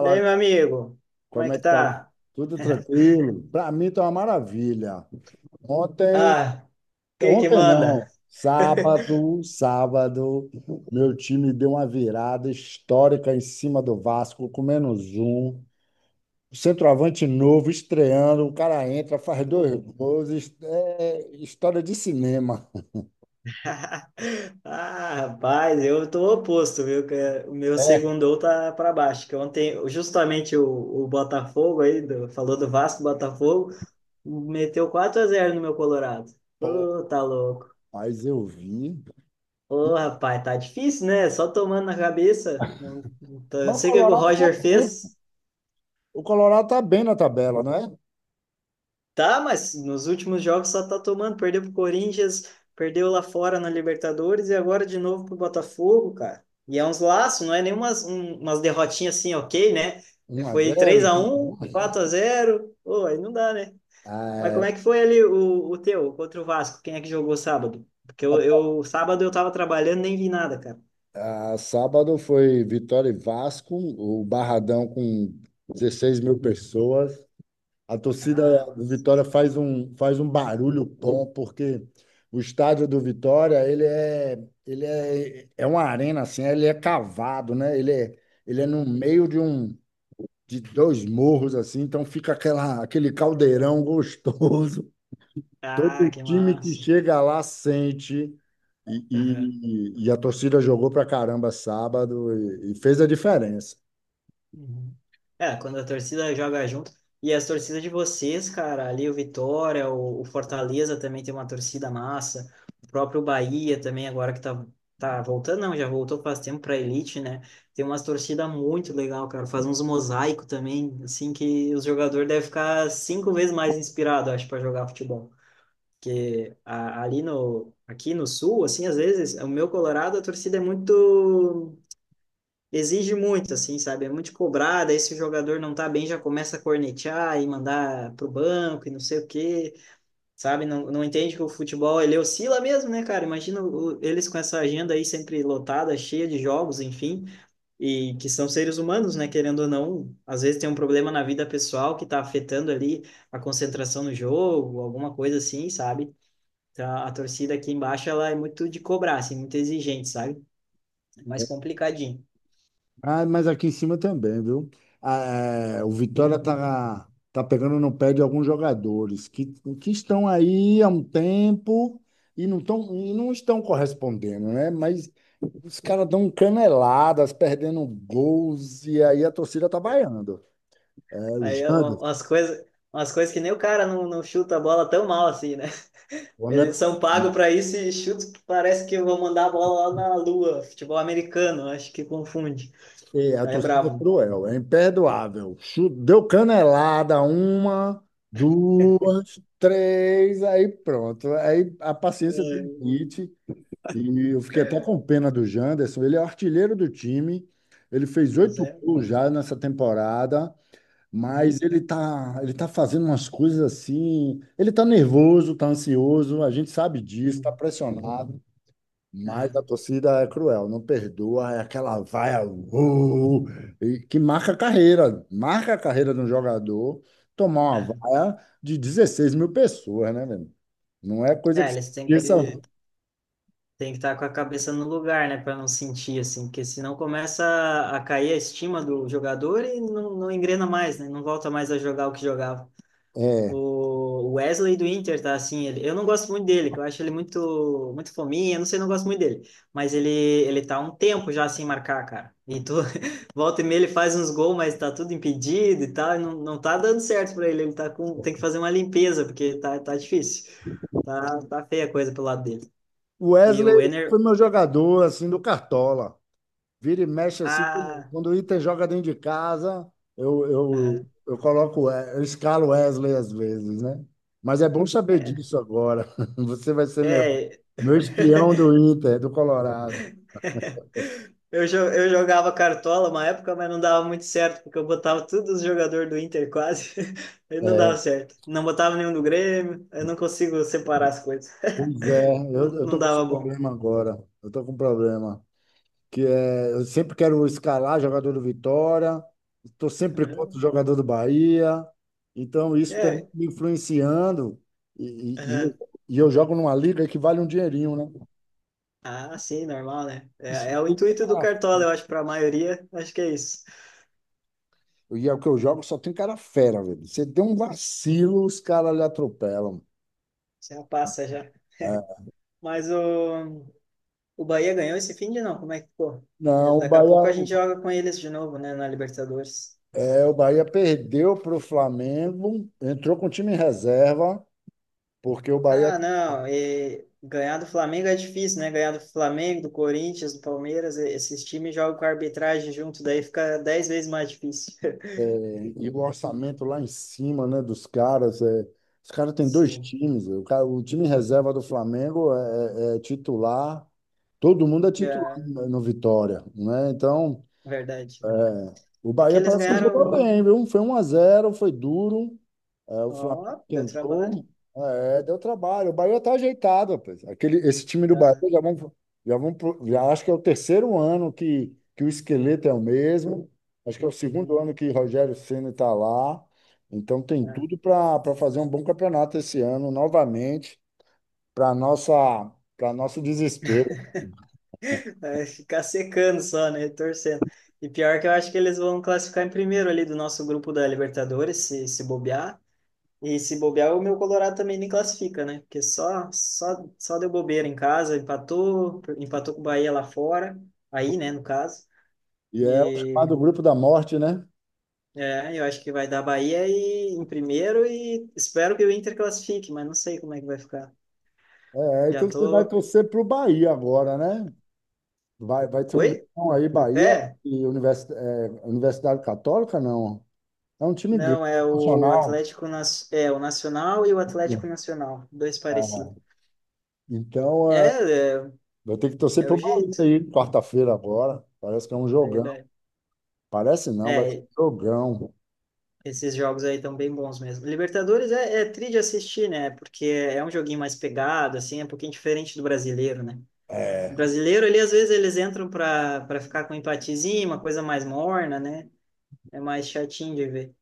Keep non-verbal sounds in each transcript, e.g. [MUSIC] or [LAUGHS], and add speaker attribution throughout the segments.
Speaker 1: E aí, meu amigo? Como é
Speaker 2: como é
Speaker 1: que
Speaker 2: que tá?
Speaker 1: tá?
Speaker 2: Tudo
Speaker 1: [LAUGHS]
Speaker 2: tranquilo? Para mim tá uma maravilha. Ontem,
Speaker 1: Ah, o que que
Speaker 2: ontem
Speaker 1: manda?
Speaker 2: não,
Speaker 1: [LAUGHS]
Speaker 2: sábado, sábado, meu time deu uma virada histórica em cima do Vasco, com menos um. Centroavante novo, estreando, o cara entra, faz dois gols, é história de cinema.
Speaker 1: Ah, rapaz, eu tô oposto, viu? O meu
Speaker 2: É,
Speaker 1: segundou tá para baixo. Que ontem, justamente o, Botafogo aí, falou do Vasco, Botafogo, meteu 4-0 no meu Colorado.
Speaker 2: pô,
Speaker 1: Ô, tá louco.
Speaker 2: mas eu vi.
Speaker 1: Ô,
Speaker 2: E-
Speaker 1: rapaz, tá difícil, né? Só tomando na cabeça. Não, eu
Speaker 2: Mas o
Speaker 1: sei o que o
Speaker 2: Colorado tá
Speaker 1: Roger
Speaker 2: bem.
Speaker 1: fez.
Speaker 2: O Colorado tá bem na tabela, não é?
Speaker 1: Tá, mas nos últimos jogos só tá tomando. Perdeu pro Corinthians, perdeu lá fora na Libertadores e agora de novo pro Botafogo, cara. E é uns laços, não é nem umas derrotinhas assim, ok, né?
Speaker 2: um a
Speaker 1: Foi três
Speaker 2: zero
Speaker 1: a um 4-0. Pô, aí não dá, né? Mas
Speaker 2: Ah,
Speaker 1: como
Speaker 2: é.
Speaker 1: é que foi ali o, teu contra o Vasco? Quem é que jogou sábado? Porque eu sábado eu tava trabalhando, nem vi nada, cara.
Speaker 2: Ah, sábado foi Vitória e Vasco, o Barradão com 16 mil pessoas. A torcida
Speaker 1: Ah,
Speaker 2: do
Speaker 1: massa.
Speaker 2: Vitória faz um barulho bom, porque o estádio do Vitória, é uma arena assim, ele é cavado, né? Ele é no meio de de dois morros assim, então fica aquele caldeirão [LAUGHS] gostoso.
Speaker 1: Ah,
Speaker 2: Todo
Speaker 1: que
Speaker 2: time que
Speaker 1: massa.
Speaker 2: chega lá sente. E, e a torcida jogou pra caramba sábado e fez a diferença.
Speaker 1: Uhum. É, quando a torcida joga junto. E as torcidas de vocês, cara, ali o Vitória, o, Fortaleza também tem uma torcida massa. O próprio Bahia também, agora que tá voltando, não, já voltou faz tempo pra elite, né? Tem umas torcidas muito legal, cara. Faz uns mosaico também, assim, que os jogadores devem ficar 5 vezes mais inspirados, acho, para jogar futebol. Porque ali no, aqui no sul, assim, às vezes, o meu Colorado, a torcida é muito exige muito, assim, sabe? É muito cobrado, aí se o jogador não tá bem, já começa a cornetear e mandar pro banco e não sei o quê, sabe? Não, não entende que o futebol, ele oscila mesmo, né, cara? Imagina eles com essa agenda aí sempre lotada, cheia de jogos, enfim, e que são seres humanos, né, querendo ou não, às vezes tem um problema na vida pessoal que tá afetando ali a concentração no jogo, alguma coisa assim, sabe? Então, a torcida aqui embaixo, ela é muito de cobrar, assim, muito exigente, sabe? É mais complicadinho.
Speaker 2: Ah, mas aqui em cima também, viu? Ah, é, o Vitória tá pegando no pé de alguns jogadores que estão aí há um tempo e não estão correspondendo, né? Mas os caras dão caneladas, perdendo gols, e aí a torcida tá vaiando. É, o
Speaker 1: Aí um-
Speaker 2: Janderson,
Speaker 1: umas coisas, umas coisas que nem o cara não, não chuta a bola tão mal assim, né?
Speaker 2: né?
Speaker 1: Eles são pagos para isso e chutam que parece que vão mandar a bola lá na lua. Futebol americano, acho que confunde.
Speaker 2: É, a
Speaker 1: Aí é
Speaker 2: torcida é
Speaker 1: brabo.
Speaker 2: cruel, é imperdoável. Deu canelada, uma, duas, três, aí pronto. Aí a paciência
Speaker 1: É,
Speaker 2: teve limite. E eu fiquei até com pena do Janderson. Ele é o artilheiro do time. Ele fez
Speaker 1: pois
Speaker 2: oito
Speaker 1: é.
Speaker 2: gols já nessa temporada, mas
Speaker 1: Uhum,
Speaker 2: ele tá fazendo umas coisas assim. Ele tá nervoso, tá ansioso, a gente sabe disso, tá
Speaker 1: uhum.
Speaker 2: pressionado. Mas a
Speaker 1: Aham,
Speaker 2: torcida é cruel, não perdoa, é aquela vaia, e que marca a carreira de um jogador tomar uma
Speaker 1: aham.
Speaker 2: vaia de 16 mil pessoas, né, velho? Não é coisa
Speaker 1: É,
Speaker 2: que se
Speaker 1: eles têm
Speaker 2: esqueça.
Speaker 1: que têm que estar com a cabeça no lugar, né, para não sentir assim, porque senão começa a cair a estima do jogador e não, não engrena mais, né? Não volta mais a jogar o que jogava.
Speaker 2: É.
Speaker 1: O Wesley do Inter tá assim, ele, eu não gosto muito dele, que eu acho ele muito fominha, não sei, não gosto muito dele, mas ele tá há um tempo já sem marcar, cara. E tu [LAUGHS] volta e meia ele faz uns gols, mas tá tudo impedido e tal, e não, não tá dando certo pra ele, ele tá com tem que fazer uma limpeza, porque tá difícil. Tá feia a coisa pelo lado dele.
Speaker 2: O
Speaker 1: E
Speaker 2: Wesley
Speaker 1: o Enner
Speaker 2: foi meu jogador, assim, do Cartola. Vira e mexe assim. Quando
Speaker 1: ah,
Speaker 2: quando o Inter joga dentro de casa, eu, eu,
Speaker 1: aham,
Speaker 2: eu coloco, eu escalo o Wesley às vezes, né? Mas é bom saber
Speaker 1: é,
Speaker 2: disso agora. [LAUGHS] Você vai ser meu,
Speaker 1: é
Speaker 2: meu espião do
Speaker 1: [LAUGHS]
Speaker 2: Inter, do Colorado.
Speaker 1: Eu, eu jogava cartola uma época, mas não dava muito certo, porque eu botava todos os jogadores do Inter quase, [LAUGHS] aí não
Speaker 2: É,
Speaker 1: dava certo. Não botava nenhum do Grêmio, eu não consigo separar as coisas. [LAUGHS]
Speaker 2: pois é, eu,
Speaker 1: Não,
Speaker 2: eu
Speaker 1: não
Speaker 2: tô com esse
Speaker 1: dava bom.
Speaker 2: problema agora. Eu tô com um problema. Que é, eu sempre quero escalar jogador do Vitória, estou sempre contra o
Speaker 1: Uhum.
Speaker 2: jogador do Bahia. Então, isso está
Speaker 1: É,
Speaker 2: me influenciando. E, e- e eu,
Speaker 1: uhum.
Speaker 2: e eu jogo numa liga que vale um dinheirinho, né?
Speaker 1: Ah, sim, normal, né? É,
Speaker 2: Isso
Speaker 1: é o
Speaker 2: aqui,
Speaker 1: intuito do Cartola, eu acho, para a maioria, acho que é isso.
Speaker 2: e é o que eu jogo, só tem cara fera, velho. Você tem um vacilo, os caras lhe atropelam.
Speaker 1: Já passa já.
Speaker 2: É.
Speaker 1: Mas o, Bahia ganhou esse fim de não, como é que ficou? É,
Speaker 2: Não,
Speaker 1: daqui a pouco a gente joga com eles de novo, né, na Libertadores.
Speaker 2: O Bahia perdeu para o Flamengo, entrou com o time em reserva, porque
Speaker 1: Ah, não, e ganhar do Flamengo é difícil, né? Ganhar do Flamengo, do Corinthians, do Palmeiras, esses times jogam com a arbitragem junto, daí fica 10 vezes mais difícil.
Speaker 2: é, e o orçamento
Speaker 1: [LAUGHS]
Speaker 2: lá em cima, né, dos caras. É, os caras têm dois
Speaker 1: Sim,
Speaker 2: times. O, cara, o time em reserva do Flamengo é titular, todo mundo é titular
Speaker 1: é
Speaker 2: no Vitória, né? Então,
Speaker 1: verdade, né?
Speaker 2: o
Speaker 1: É que
Speaker 2: Bahia
Speaker 1: eles
Speaker 2: parece que jogou
Speaker 1: ganharam.
Speaker 2: bem, viu? Foi 1-0, foi duro. É, o Flamengo
Speaker 1: Ó, deu trabalho.
Speaker 2: tentou, é, deu trabalho. O Bahia tá ajeitado, rapaz. Esse time do Bahia
Speaker 1: Tá.
Speaker 2: já acho que é o terceiro ano que o esqueleto é o mesmo. Acho que é o segundo
Speaker 1: Uhum.
Speaker 2: ano que Rogério Ceni está lá. Então tem tudo
Speaker 1: É.
Speaker 2: para fazer um bom campeonato esse ano, novamente, para nossa para nosso desespero.
Speaker 1: É ficar secando só, né? Torcendo. E pior que eu acho que eles vão classificar em primeiro ali do nosso grupo da Libertadores, se bobear. E se bobear, o meu Colorado também nem classifica, né? Porque só deu bobeira em casa, empatou, com o Bahia lá fora, aí, né, no caso.
Speaker 2: E é o
Speaker 1: E
Speaker 2: chamado grupo da morte, né?
Speaker 1: é, eu acho que vai dar Bahia e, em primeiro e espero que o Inter classifique, mas não sei como é que vai ficar.
Speaker 2: É,
Speaker 1: Já
Speaker 2: então você vai
Speaker 1: tô.
Speaker 2: torcer para o Bahia agora, né? Vai ter um
Speaker 1: Oi?
Speaker 2: jogão aí, Bahia
Speaker 1: É?
Speaker 2: e Universidade Católica, não. É um time grande,
Speaker 1: Não, é o
Speaker 2: nacional.
Speaker 1: Atlético, nas é o Nacional e o Atlético Nacional, dois parecidos.
Speaker 2: É. Então,
Speaker 1: É, é,
Speaker 2: vai ter que torcer pro
Speaker 1: o
Speaker 2: Bahia
Speaker 1: jeito,
Speaker 2: aí, quarta-feira agora. Parece que é um
Speaker 1: é
Speaker 2: jogão.
Speaker 1: verdade.
Speaker 2: Parece não, vai ser um
Speaker 1: É,
Speaker 2: jogão.
Speaker 1: esses jogos aí estão bem bons mesmo. Libertadores é tri de assistir, né? Porque é um joguinho mais pegado, assim, é um pouquinho diferente do brasileiro, né? O
Speaker 2: É,
Speaker 1: brasileiro, ali, às vezes, eles entram para ficar com um empatezinho, uma coisa mais morna, né? É mais chatinho de ver.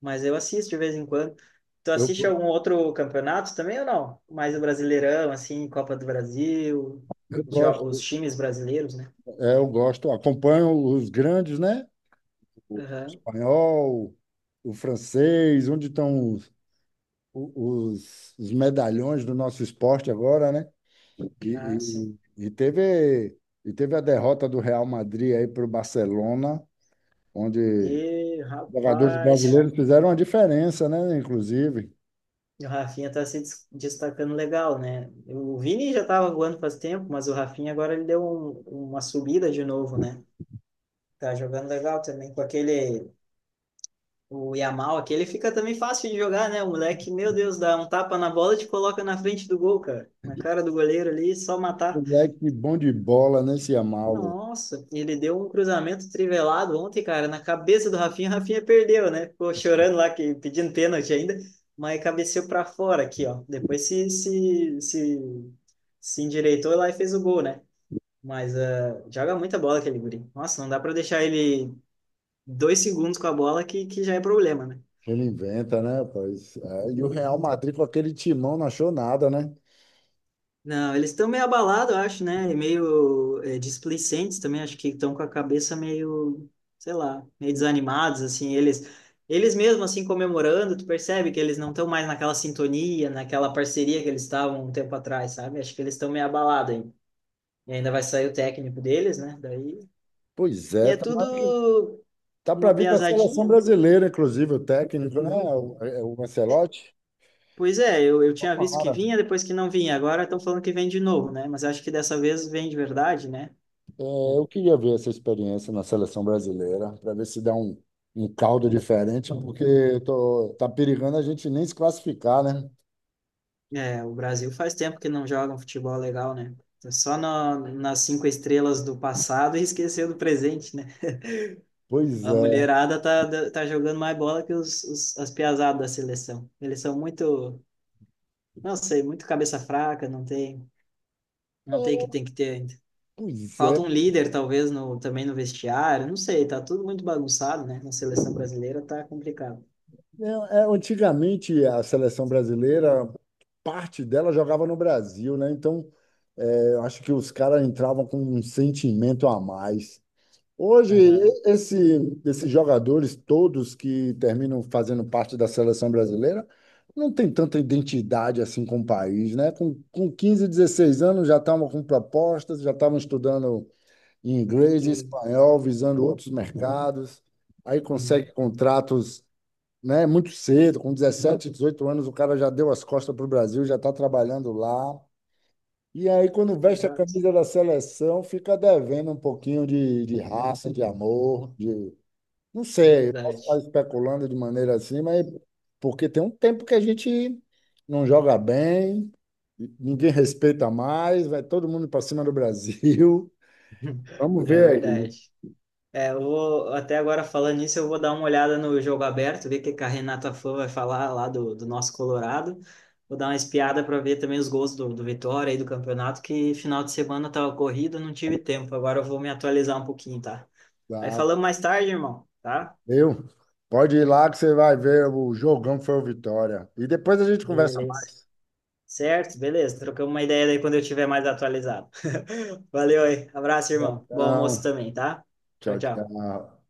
Speaker 1: Mas eu assisto de vez em quando. Tu
Speaker 2: eu,
Speaker 1: assiste algum outro campeonato também ou não? Mais o Brasileirão, assim, Copa do Brasil,
Speaker 2: eu
Speaker 1: os
Speaker 2: gosto,
Speaker 1: times brasileiros, né?
Speaker 2: eu gosto, acompanho os grandes, né? O
Speaker 1: Aham.
Speaker 2: espanhol, o francês, onde estão os medalhões do nosso esporte agora, né? E,
Speaker 1: Ah, sim.
Speaker 2: e- e teve, e teve a derrota do Real Madrid aí para o Barcelona, onde
Speaker 1: E,
Speaker 2: jogadores
Speaker 1: rapaz.
Speaker 2: brasileiros fizeram uma diferença, né? Inclusive,
Speaker 1: E o Rafinha tá se destacando legal, né? O Vini já tava voando faz tempo, mas o Rafinha agora ele deu uma subida de novo, né? Tá jogando legal também com aquele. O Yamal, aquele fica também fácil de jogar, né? O moleque, meu Deus, dá um tapa na bola e te coloca na frente do gol, cara. Na cara do goleiro ali, só matar.
Speaker 2: moleque bom de bola, né? Se amava.
Speaker 1: Nossa, ele deu um cruzamento trivelado ontem, cara, na cabeça do Rafinha. O Rafinha perdeu, né? Ficou chorando lá, que, pedindo pênalti ainda, mas cabeceou para fora aqui, ó. Depois se endireitou lá e fez o gol, né? Mas ah, joga muita bola aquele guri. Nossa, não dá para deixar ele 2 segundos com a bola que já é problema, né?
Speaker 2: Ele inventa, né, rapaz? É, e o Real Madrid com aquele timão não achou nada, né?
Speaker 1: Não, eles estão meio abalados, eu acho, né? E meio displicentes também, acho que estão com a cabeça meio, sei lá, meio desanimados, assim, eles, mesmo, assim, comemorando, tu percebe que eles não estão mais naquela sintonia, naquela parceria que eles estavam um tempo atrás, sabe? Acho que eles estão meio abalados ainda. E ainda vai sair o técnico deles, né? Daí.
Speaker 2: Pois
Speaker 1: E
Speaker 2: é,
Speaker 1: é
Speaker 2: tá,
Speaker 1: tudo
Speaker 2: tá para
Speaker 1: uma
Speaker 2: vir para a seleção
Speaker 1: piazadinha, né?
Speaker 2: brasileira, inclusive, o técnico, né? É o Ancelotti.
Speaker 1: Pois é, eu tinha visto que
Speaker 2: Tomara.
Speaker 1: vinha, depois que não vinha. Agora estão falando que vem de novo, né? Mas acho que dessa vez vem de verdade, né?
Speaker 2: Eu queria ver essa experiência na seleção brasileira, para ver se dá um caldo diferente, porque tá perigando a gente nem se classificar, né?
Speaker 1: É, o Brasil faz tempo que não joga um futebol legal, né? Tá só nas cinco estrelas do passado e [LAUGHS] esqueceu do presente, né?
Speaker 2: Pois
Speaker 1: A
Speaker 2: é,
Speaker 1: mulherada tá jogando mais bola que os, as piazadas da seleção. Eles são muito, não sei, muito cabeça fraca, não tem, não tem o que tem que ter ainda.
Speaker 2: pois
Speaker 1: Falta
Speaker 2: é.
Speaker 1: um líder, talvez, no, também no vestiário, não sei, tá tudo muito bagunçado, né? Na seleção brasileira tá complicado.
Speaker 2: É, é, antigamente, a seleção brasileira, parte dela jogava no Brasil, né? Então, eu acho que os caras entravam com um sentimento a mais. Hoje,
Speaker 1: Aham.
Speaker 2: esses jogadores todos que terminam fazendo parte da seleção brasileira não tem tanta identidade assim com o país, né? Com 15, 16 anos já estavam com propostas, já estavam estudando inglês e espanhol, visando outros mercados. Aí
Speaker 1: Uhum.
Speaker 2: consegue contratos, né, muito cedo, com 17, 18 anos, o cara já deu as costas para o Brasil, já está trabalhando lá. E aí, quando veste a
Speaker 1: Exato.
Speaker 2: camisa da seleção, fica devendo um pouquinho de raça, de amor. Não sei, eu posso estar
Speaker 1: Verdade.
Speaker 2: especulando de maneira assim, mas porque tem um tempo que a gente não joga bem, ninguém respeita mais, vai todo mundo para cima do Brasil.
Speaker 1: [LAUGHS]
Speaker 2: Vamos
Speaker 1: É
Speaker 2: ver aí,
Speaker 1: verdade. É, eu vou, até agora falando nisso, eu vou dar uma olhada no jogo aberto, ver o que que a Renata Fã vai falar lá do, nosso Colorado. Vou dar uma espiada para ver também os gols do, Vitória e do campeonato, que final de semana tava corrido, não tive tempo. Agora eu vou me atualizar um pouquinho, tá? Aí
Speaker 2: tá?
Speaker 1: falamos mais tarde, irmão, tá?
Speaker 2: Viu? Pode ir lá que você vai ver o jogão foi o Vitória. E depois a gente conversa
Speaker 1: Beleza.
Speaker 2: mais.
Speaker 1: Certo, beleza. Trocamos uma ideia daí quando eu tiver mais atualizado. [LAUGHS] Valeu aí. Abraço, irmão. Bom almoço
Speaker 2: Então,
Speaker 1: também, tá? Tchau,
Speaker 2: tchau,
Speaker 1: tchau.
Speaker 2: tchau.